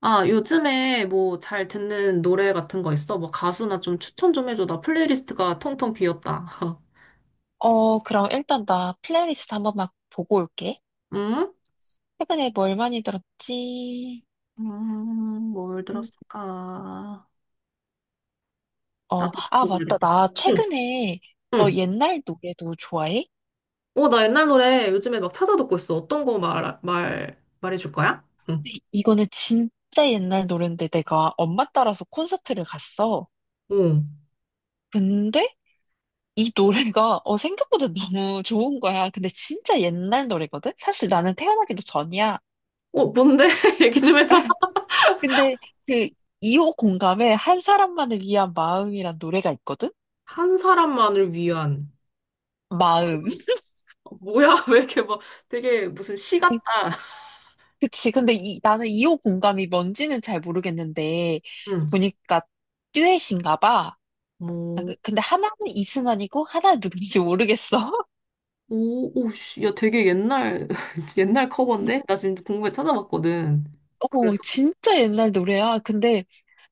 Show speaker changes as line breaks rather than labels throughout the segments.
아, 요즘에 뭐 잘 듣는 노래 같은 거 있어? 뭐 가수나 좀 추천 좀 해줘. 나 플레이리스트가 텅텅 비었다.
그럼 일단 나 플레이리스트 한번 막 보고 올게.
응?
최근에 뭘 많이 들었지?
음, 뭘
음,
들었을까? 나도
맞다.
모르겠다.
나
응,
최근에 너
응.
옛날 노래도 좋아해?
어, 나 옛날 노래 요즘에 막 찾아 듣고 있어. 어떤 거 말해줄 거야? 응.
근데 이거는 진짜 옛날 노래인데 내가 엄마 따라서 콘서트를 갔어.
어.
근데 이 노래가 생각보다 너무 좋은 거야. 근데 진짜 옛날 노래거든? 사실 나는 태어나기도 전이야.
어, 뭔데? 얘기 좀 해봐.
근데 그 2호 공감에 한 사람만을 위한 마음이란 노래가 있거든?
한 사람만을 위한.
마음.
어, 뭐야? 왜 이렇게 막 되게 무슨 시 같다.
그치. 근데 나는 2호 공감이 뭔지는 잘 모르겠는데,
응.
보니까 듀엣인가 봐.
뭐
근데 하나는 이승환이고, 하나는 누군지 모르겠어.
오, 오, 씨, 야, 되게 옛날, 옛날 커버인데? 나 지금 궁금해 찾아봤거든. 그래서,
진짜 옛날 노래야. 근데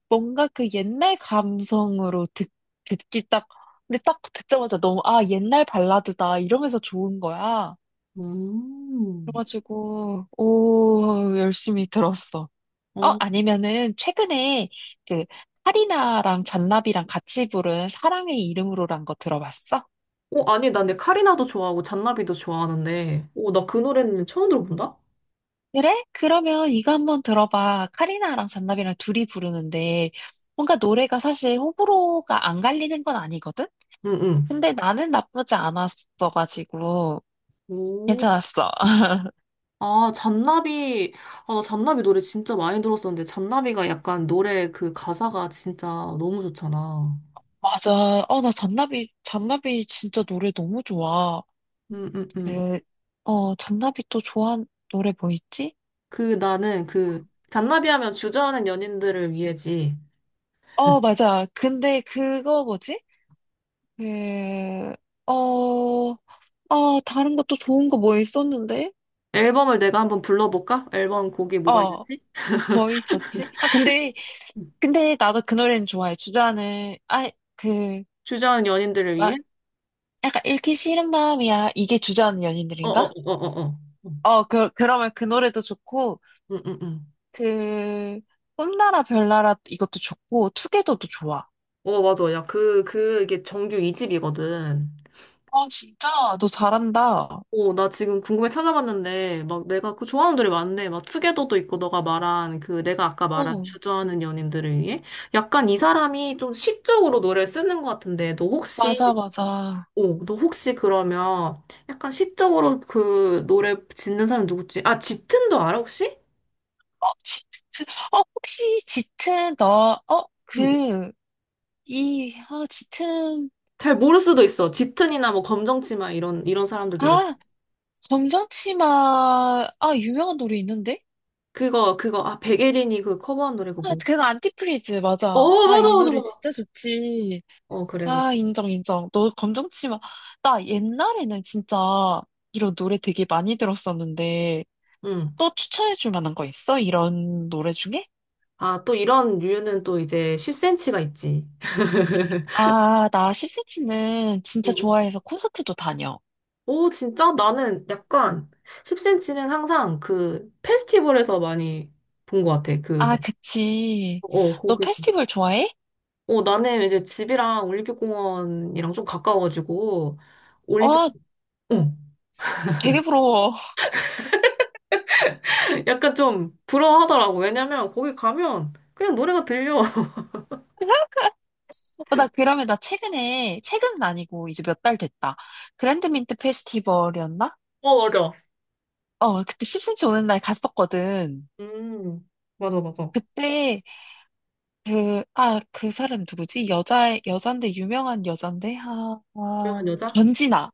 뭔가 그 옛날 감성으로 듣기 딱, 근데 딱 듣자마자 너무, 아, 옛날 발라드다. 이러면서 좋은 거야.
음,
그래가지고, 오, 열심히 들었어.
어,
아니면은 최근에 그 카리나랑 잔나비랑 같이 부른 사랑의 이름으로란 거 들어봤어?
어, 아니, 나 근데 카리나도 좋아하고 잔나비도 좋아하는데, 오, 나 그 노래는 처음 들어본다?
그래? 그러면 이거 한번 들어봐. 카리나랑 잔나비랑 둘이 부르는데 뭔가 노래가 사실 호불호가 안 갈리는 건 아니거든?
응, 응.
근데 나는 나쁘지 않았어가지고
오,
괜찮았어.
아, 잔나비, 아, 나 잔나비 노래 진짜 많이 들었었는데, 잔나비가 약간 노래 그 가사가 진짜 너무 좋잖아.
맞아. 나 잔나비 진짜 노래 너무 좋아.
응, 응, 응.
그, 잔나비 또 좋아하는 노래 뭐 있지?
그 나는 그, 잔나비 하면 주저하는 연인들을 위해지.
맞아. 근데 그거 뭐지? 그, 어, 다른 것도 좋은 거 뭐 있었는데?
앨범을 내가 한번 불러볼까? 앨범 곡이 뭐가
어,
있는지?
뭐 있었지? 근데,
음.
근데 나도 그 노래는 좋아해. 그,
주저하는 연인들을 위해?
막, 약간 읽기 싫은 마음이야. 이게 주저하는 연인들인가?
어어어어어어.
그러면 그 노래도 좋고,
응응응.
그, 꿈나라 별나라 이것도 좋고, 투게더도 좋아.
어, 맞아. 야, 이게 정규 2집이거든.
어, 진짜, 너 잘한다.
어, 나 지금 궁금해 찾아봤는데, 막 내가 그 좋아하는 노래 많네. 막 투게더도 있고, 너가 말한 그, 내가 아까 말한
어,
주저하는 연인들을 위해? 약간 이 사람이 좀 시적으로 노래를 쓰는 것 같은데, 너 혹시,
맞아, 맞아.
어, 너 혹시 그러면 약간 시적으로 그 노래 짓는 사람 누구지? 아, 짙은도 알아, 혹시?
어, 짙은, 혹시 짙은 너, 짙은,
잘 모를 수도 있어. 짙은이나 뭐 검정치마 이런 사람들 노래.
아, 검정치마, 유명한 노래 있는데?
그거 아 백예린이 그 커버한 노래 그거 뭐?
그거 안티프리즈,
어
맞아.
맞아
이
맞아
노래
맞아.
진짜 좋지.
어 그래 그래.
인정, 인정. 너 검정치마. 나 옛날에는 진짜 이런 노래 되게 많이 들었었는데,
응.
또 추천해줄 만한 거 있어? 이런 노래 중에?
아 또 이런 류는 또 이제 10cm가 있지.
나 10cm는 진짜
응, 응.
좋아해서 콘서트도 다녀.
오 진짜 나는 약간 10cm는 항상 그 페스티벌에서 많이 본 것 같아. 그 막,
그치.
어,
너
거기.
페스티벌 좋아해?
어, 나는 이제 집이랑 올림픽공원이랑 좀 가까워가지고, 올림픽,
아,
어,
되게 부러워.
약간 좀 부러워하더라고. 왜냐면 거기 가면 그냥 노래가 들려.
나 그러면 나 최근에 최근은 아니고 이제 몇 달 됐다. 그랜드민트 페스티벌이었나?
어, 맞아.
그때 10cm 오는 날 갔었거든.
음, 맞아, 맞아.
그때 그 그 사람 누구지? 여자 여잔데 유명한 여잔데
유명한 여자?
권진아.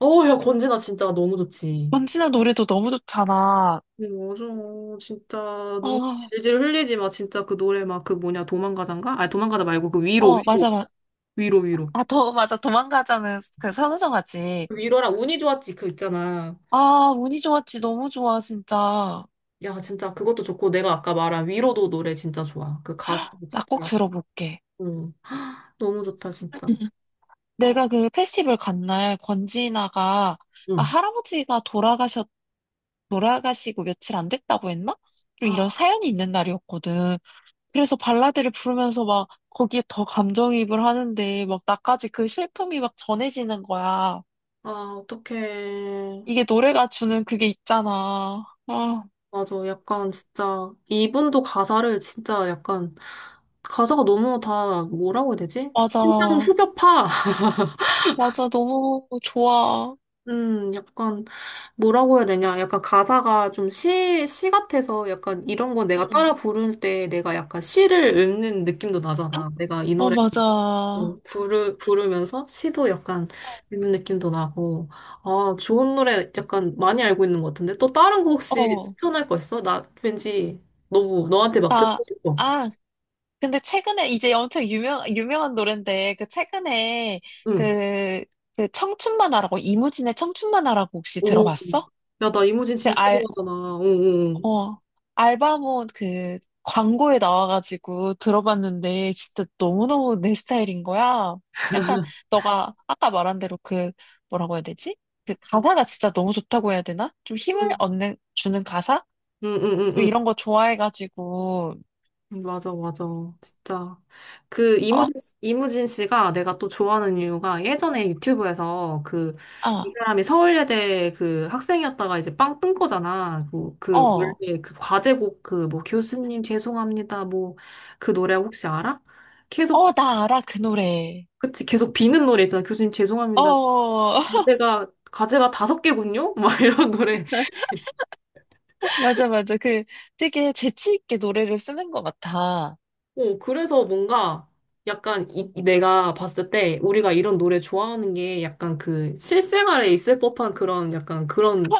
어, 야, 권진아 진짜 너무 좋지.
권진아 노래도 너무 좋잖아.
맞아. 진짜 눈
어
질질 흘리지 마. 진짜 그 노래 막 그 뭐냐 도망가자인가? 아니 도망가자 말고 그 위로 위로
맞아, 맞아.
위로 위로.
아더 맞아. 도망가자는 그 선우정 하지.
그 위로랑 운이 좋았지, 그 있잖아.
운이 좋았지. 너무 좋아 진짜.
야, 진짜 그것도 좋고, 내가 아까 말한 위로도 노래 진짜 좋아. 그 가수
나 꼭
진짜.
들어볼게.
응. 너무 좋다, 진짜. 아,
내가 그 페스티벌 간 날 권지나가
응.
할아버지가 돌아가셨 돌아가시고 며칠 안 됐다고 했나? 좀 이런
아,
사연이 있는 날이었거든. 그래서 발라드를 부르면서 막 거기에 더 감정이입을 하는데 막 나까지 그 슬픔이 막 전해지는 거야.
아, 어떡해.
이게 노래가 주는 그게 있잖아.
맞아. 약간 진짜 이분도 가사를 진짜 약간 가사가 너무 다 뭐라고 해야 되지? 심장
맞아.
후벼파.
맞아. 너무 좋아.
약간 뭐라고 해야 되냐? 약간 가사가 좀 시 같아서 약간 이런 거 내가
응.
따라 부를 때 내가 약간 시를 읊는 느낌도 나잖아. 내가 이 노래
맞아.
부르면서 시도 약간 읊는 느낌도 나고. 아, 좋은 노래 약간 많이 알고 있는 것 같은데? 또 다른 거 혹시
어,
추천할 거 있어? 나 왠지 너무 너한테 막
나,
듣고 싶어.
아, 근데 최근에 이제 엄청 유명한 노래인데 그 최근에
응.
그 그 청춘만화라고 이무진의 청춘만화라고 혹시
오,
들어봤어?
야, 나 이무진
그
진짜
알,
좋아하잖아. 어, 어,
어, 알바몬 그 광고에 나와가지고 들어봤는데 진짜 너무너무 내 스타일인 거야. 약간 너가 아까 말한 대로 그 뭐라고 해야 되지? 그 가사가 진짜 너무 좋다고 해야 되나? 좀
어.
힘을 얻는 주는 가사?
응, 응, 응, 응.
좀
응.
이런 거 좋아해가지고
응, 맞아, 맞아. 진짜. 그,
어,
이무진, 이무진 씨가 내가 또 좋아하는 이유가 예전에 유튜브에서 그, 이
아,
사람이 서울예대 그 학생이었다가 이제 빵 뜬 거잖아.
어,
원래 그 과제곡 그, 뭐, 교수님 죄송합니다. 뭐, 그 노래 혹시 알아? 계속,
나 알아 그 노래.
그치, 계속 비는 노래 있잖아. 교수님 죄송합니다.
어,
내가 과제가 다섯 개군요? 막 이런 노래.
맞아, 맞아. 그 되게 재치 있게 노래를 쓰는 것 같아.
어, 그래서 뭔가 약간 이 내가 봤을 때 우리가 이런 노래 좋아하는 게 약간 그 실생활에 있을 법한 그런 약간 그런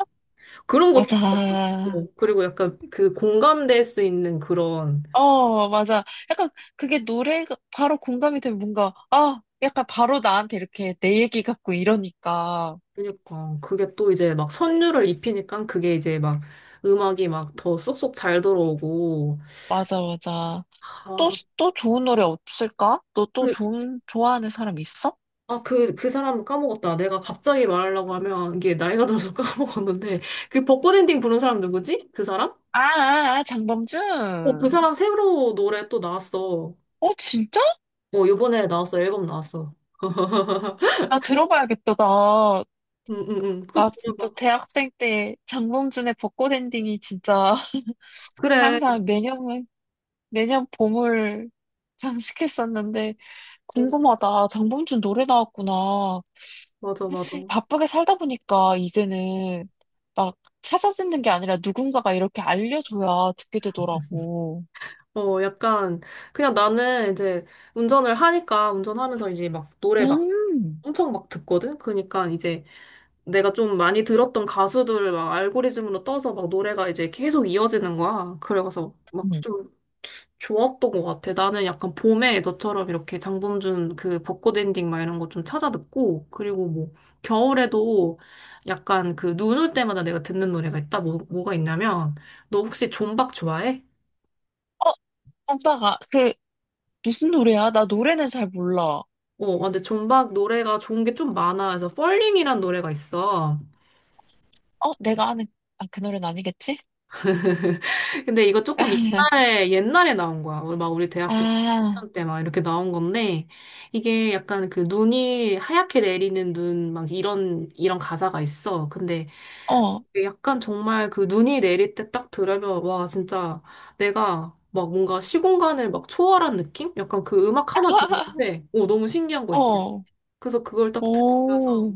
그런 것들
맞아.
있고 그리고 약간 그 공감될 수 있는 그런
맞아. 약간 그게 노래가 바로 공감이 되면 뭔가, 약간 바로 나한테 이렇게 내 얘기 같고 이러니까.
그러니까 그게 또 이제 막 선율을 입히니까 그게 이제 막 음악이 막 더 쏙쏙 잘 들어오고
맞아, 맞아.
아, 저
또 좋은 노래 없을까? 너 또
그,
좋아하는 사람 있어?
아, 그 사람 까먹었다. 내가 갑자기 말하려고 하면 이게 나이가 들어서 까먹었는데 그 벚꽃 엔딩 부른 사람 누구지? 그 사람? 어, 그
장범준.
사람 새로 노래 또 나왔어.
진짜?
어, 요번에 나왔어. 앨범 나왔어.
나 들어봐야겠다.
응, 응, 응. 꼭
나 진짜
들어봐.
대학생 때 장범준의 벚꽃 엔딩이 진짜
그래.
항상 매년 봄을 장식했었는데,
응,
궁금하다. 장범준 노래 나왔구나.
맞아, 맞아.
사실 바쁘게 살다 보니까 이제는 막 찾아 듣는 게 아니라 누군가가 이렇게 알려줘야 듣게 되더라고.
어, 약간, 그냥 나는 이제 운전을 하니까, 운전하면서 이제 막 노래 막
음.
엄청 막 듣거든? 그러니까 이제 내가 좀 많이 들었던 가수들을 막 알고리즘으로 떠서 막 노래가 이제 계속 이어지는 거야. 그래가서 막
음.
좀 좋았던 것 같아. 나는 약간 봄에 너처럼 이렇게 장범준 그 벚꽃 엔딩 막 이런 거 좀 찾아 듣고, 그리고 뭐, 겨울에도 약간 그 눈 올 때마다 내가 듣는 노래가 있다. 뭐가 있냐면, 너 혹시 존박 좋아해?
어, 오빠가 그 무슨 노래야? 나 노래는 잘 몰라.
어, 아, 근데 존박 노래가 좋은 게 좀 많아. 그래서 펄링이란 노래가 있어.
내가 아는 그 노래는 아니겠지?
근데 이거 조금 옛날에 나온 거야. 우리 대학교
아,
때 막 이렇게 나온 건데, 이게 약간 그 눈이 하얗게 내리는 눈, 막 이런 가사가 있어. 근데
어,
약간 정말 그 눈이 내릴 때 딱 들으면 와 진짜 내가 막 뭔가 시공간을 막 초월한 느낌? 약간 그 음악 하나 듣는데 오 너무 신기한 거 있지.
어,
그래서 그걸 딱 들으면서
오,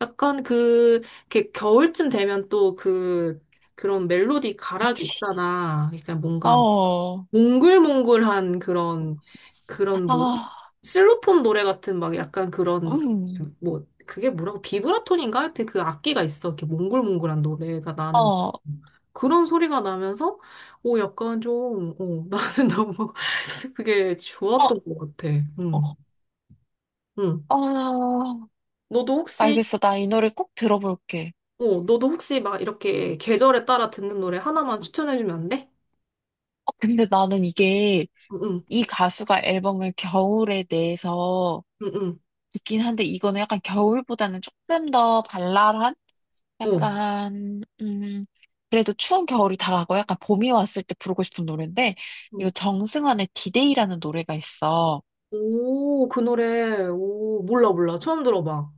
약간 그 이렇게 겨울쯤 되면 또 그 그런 멜로디 가락이
그치.
있잖아. 그러니까 뭔가
어.
몽글몽글한 그런 그런 뭐
아,
실로폰 노래 같은 막 약간 그런 그
음,
뭐 그게 뭐라고 비브라톤인가 하여튼 그 악기가 있어 이렇게 몽글몽글한 노래가
어,
나는
어,
그런 소리가 나면서 오 약간 좀 오, 나는 너무 그게 좋았던 것 같아
어.
음, 응
아,
너도 혹시
알겠어. 나 이 노래 꼭 들어볼게.
어 너도 혹시 막 이렇게 계절에 따라 듣는 노래 하나만 추천해주면 안 돼?
근데 나는 이게 이 가수가 앨범을 겨울에 내서
응응응응
듣긴 한데 이거는 약간 겨울보다는 조금 더 발랄한?
어
약간, 그래도 추운 겨울이 다가고 약간 봄이 왔을 때 부르고 싶은 노래인데, 이거
응.
정승환의 디데이라는 노래가 있어.
오, 그 노래. 오, 몰라, 몰라. 처음 들어봐.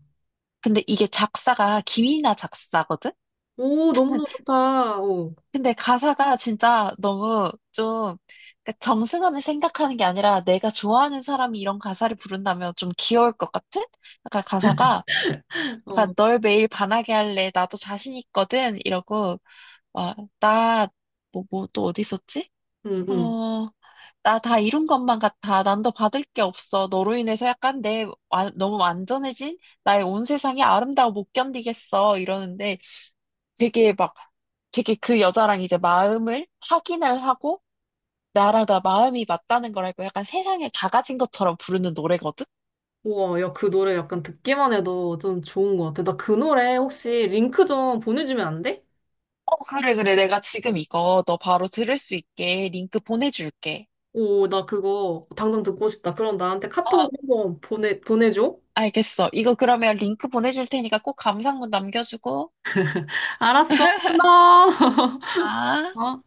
근데 이게 작사가 김이나 작사거든?
오, 너무너무 좋다. 오,
근데 가사가 진짜 너무 좀 그러니까 정승환을 생각하는 게 아니라 내가 좋아하는 사람이 이런 가사를 부른다면 좀 귀여울 것 같은? 약간 가사가 그러니까
어,
널 매일 반하게 할래 나도 자신 있거든 이러고 와나뭐뭐 또 어디 있었지?
응, 응.
어 나 다 이룬 것만 같아 난 더 받을 게 없어 너로 인해서 약간 너무 완전해진 나의 온 세상이 아름다워 못 견디겠어 이러는데 되게 막, 되게 그 여자랑 이제 마음을 확인을 하고, 나랑 나 마음이 맞다는 걸 알고 약간 세상을 다 가진 것처럼 부르는 노래거든?
우와, 야, 그 노래 약간 듣기만 해도 좀 좋은 것 같아. 나 그 노래 혹시 링크 좀 보내주면 안 돼?
그래, 그래. 내가 지금 이거 너 바로 들을 수 있게 링크 보내줄게.
오, 나 그거 당장 듣고 싶다. 그럼 나한테
어,
카톡으로 한번 보내줘.
알겠어. 이거 그러면 링크 보내줄 테니까 꼭 감상문 남겨주고.
알았어. 고마워.
아.
어.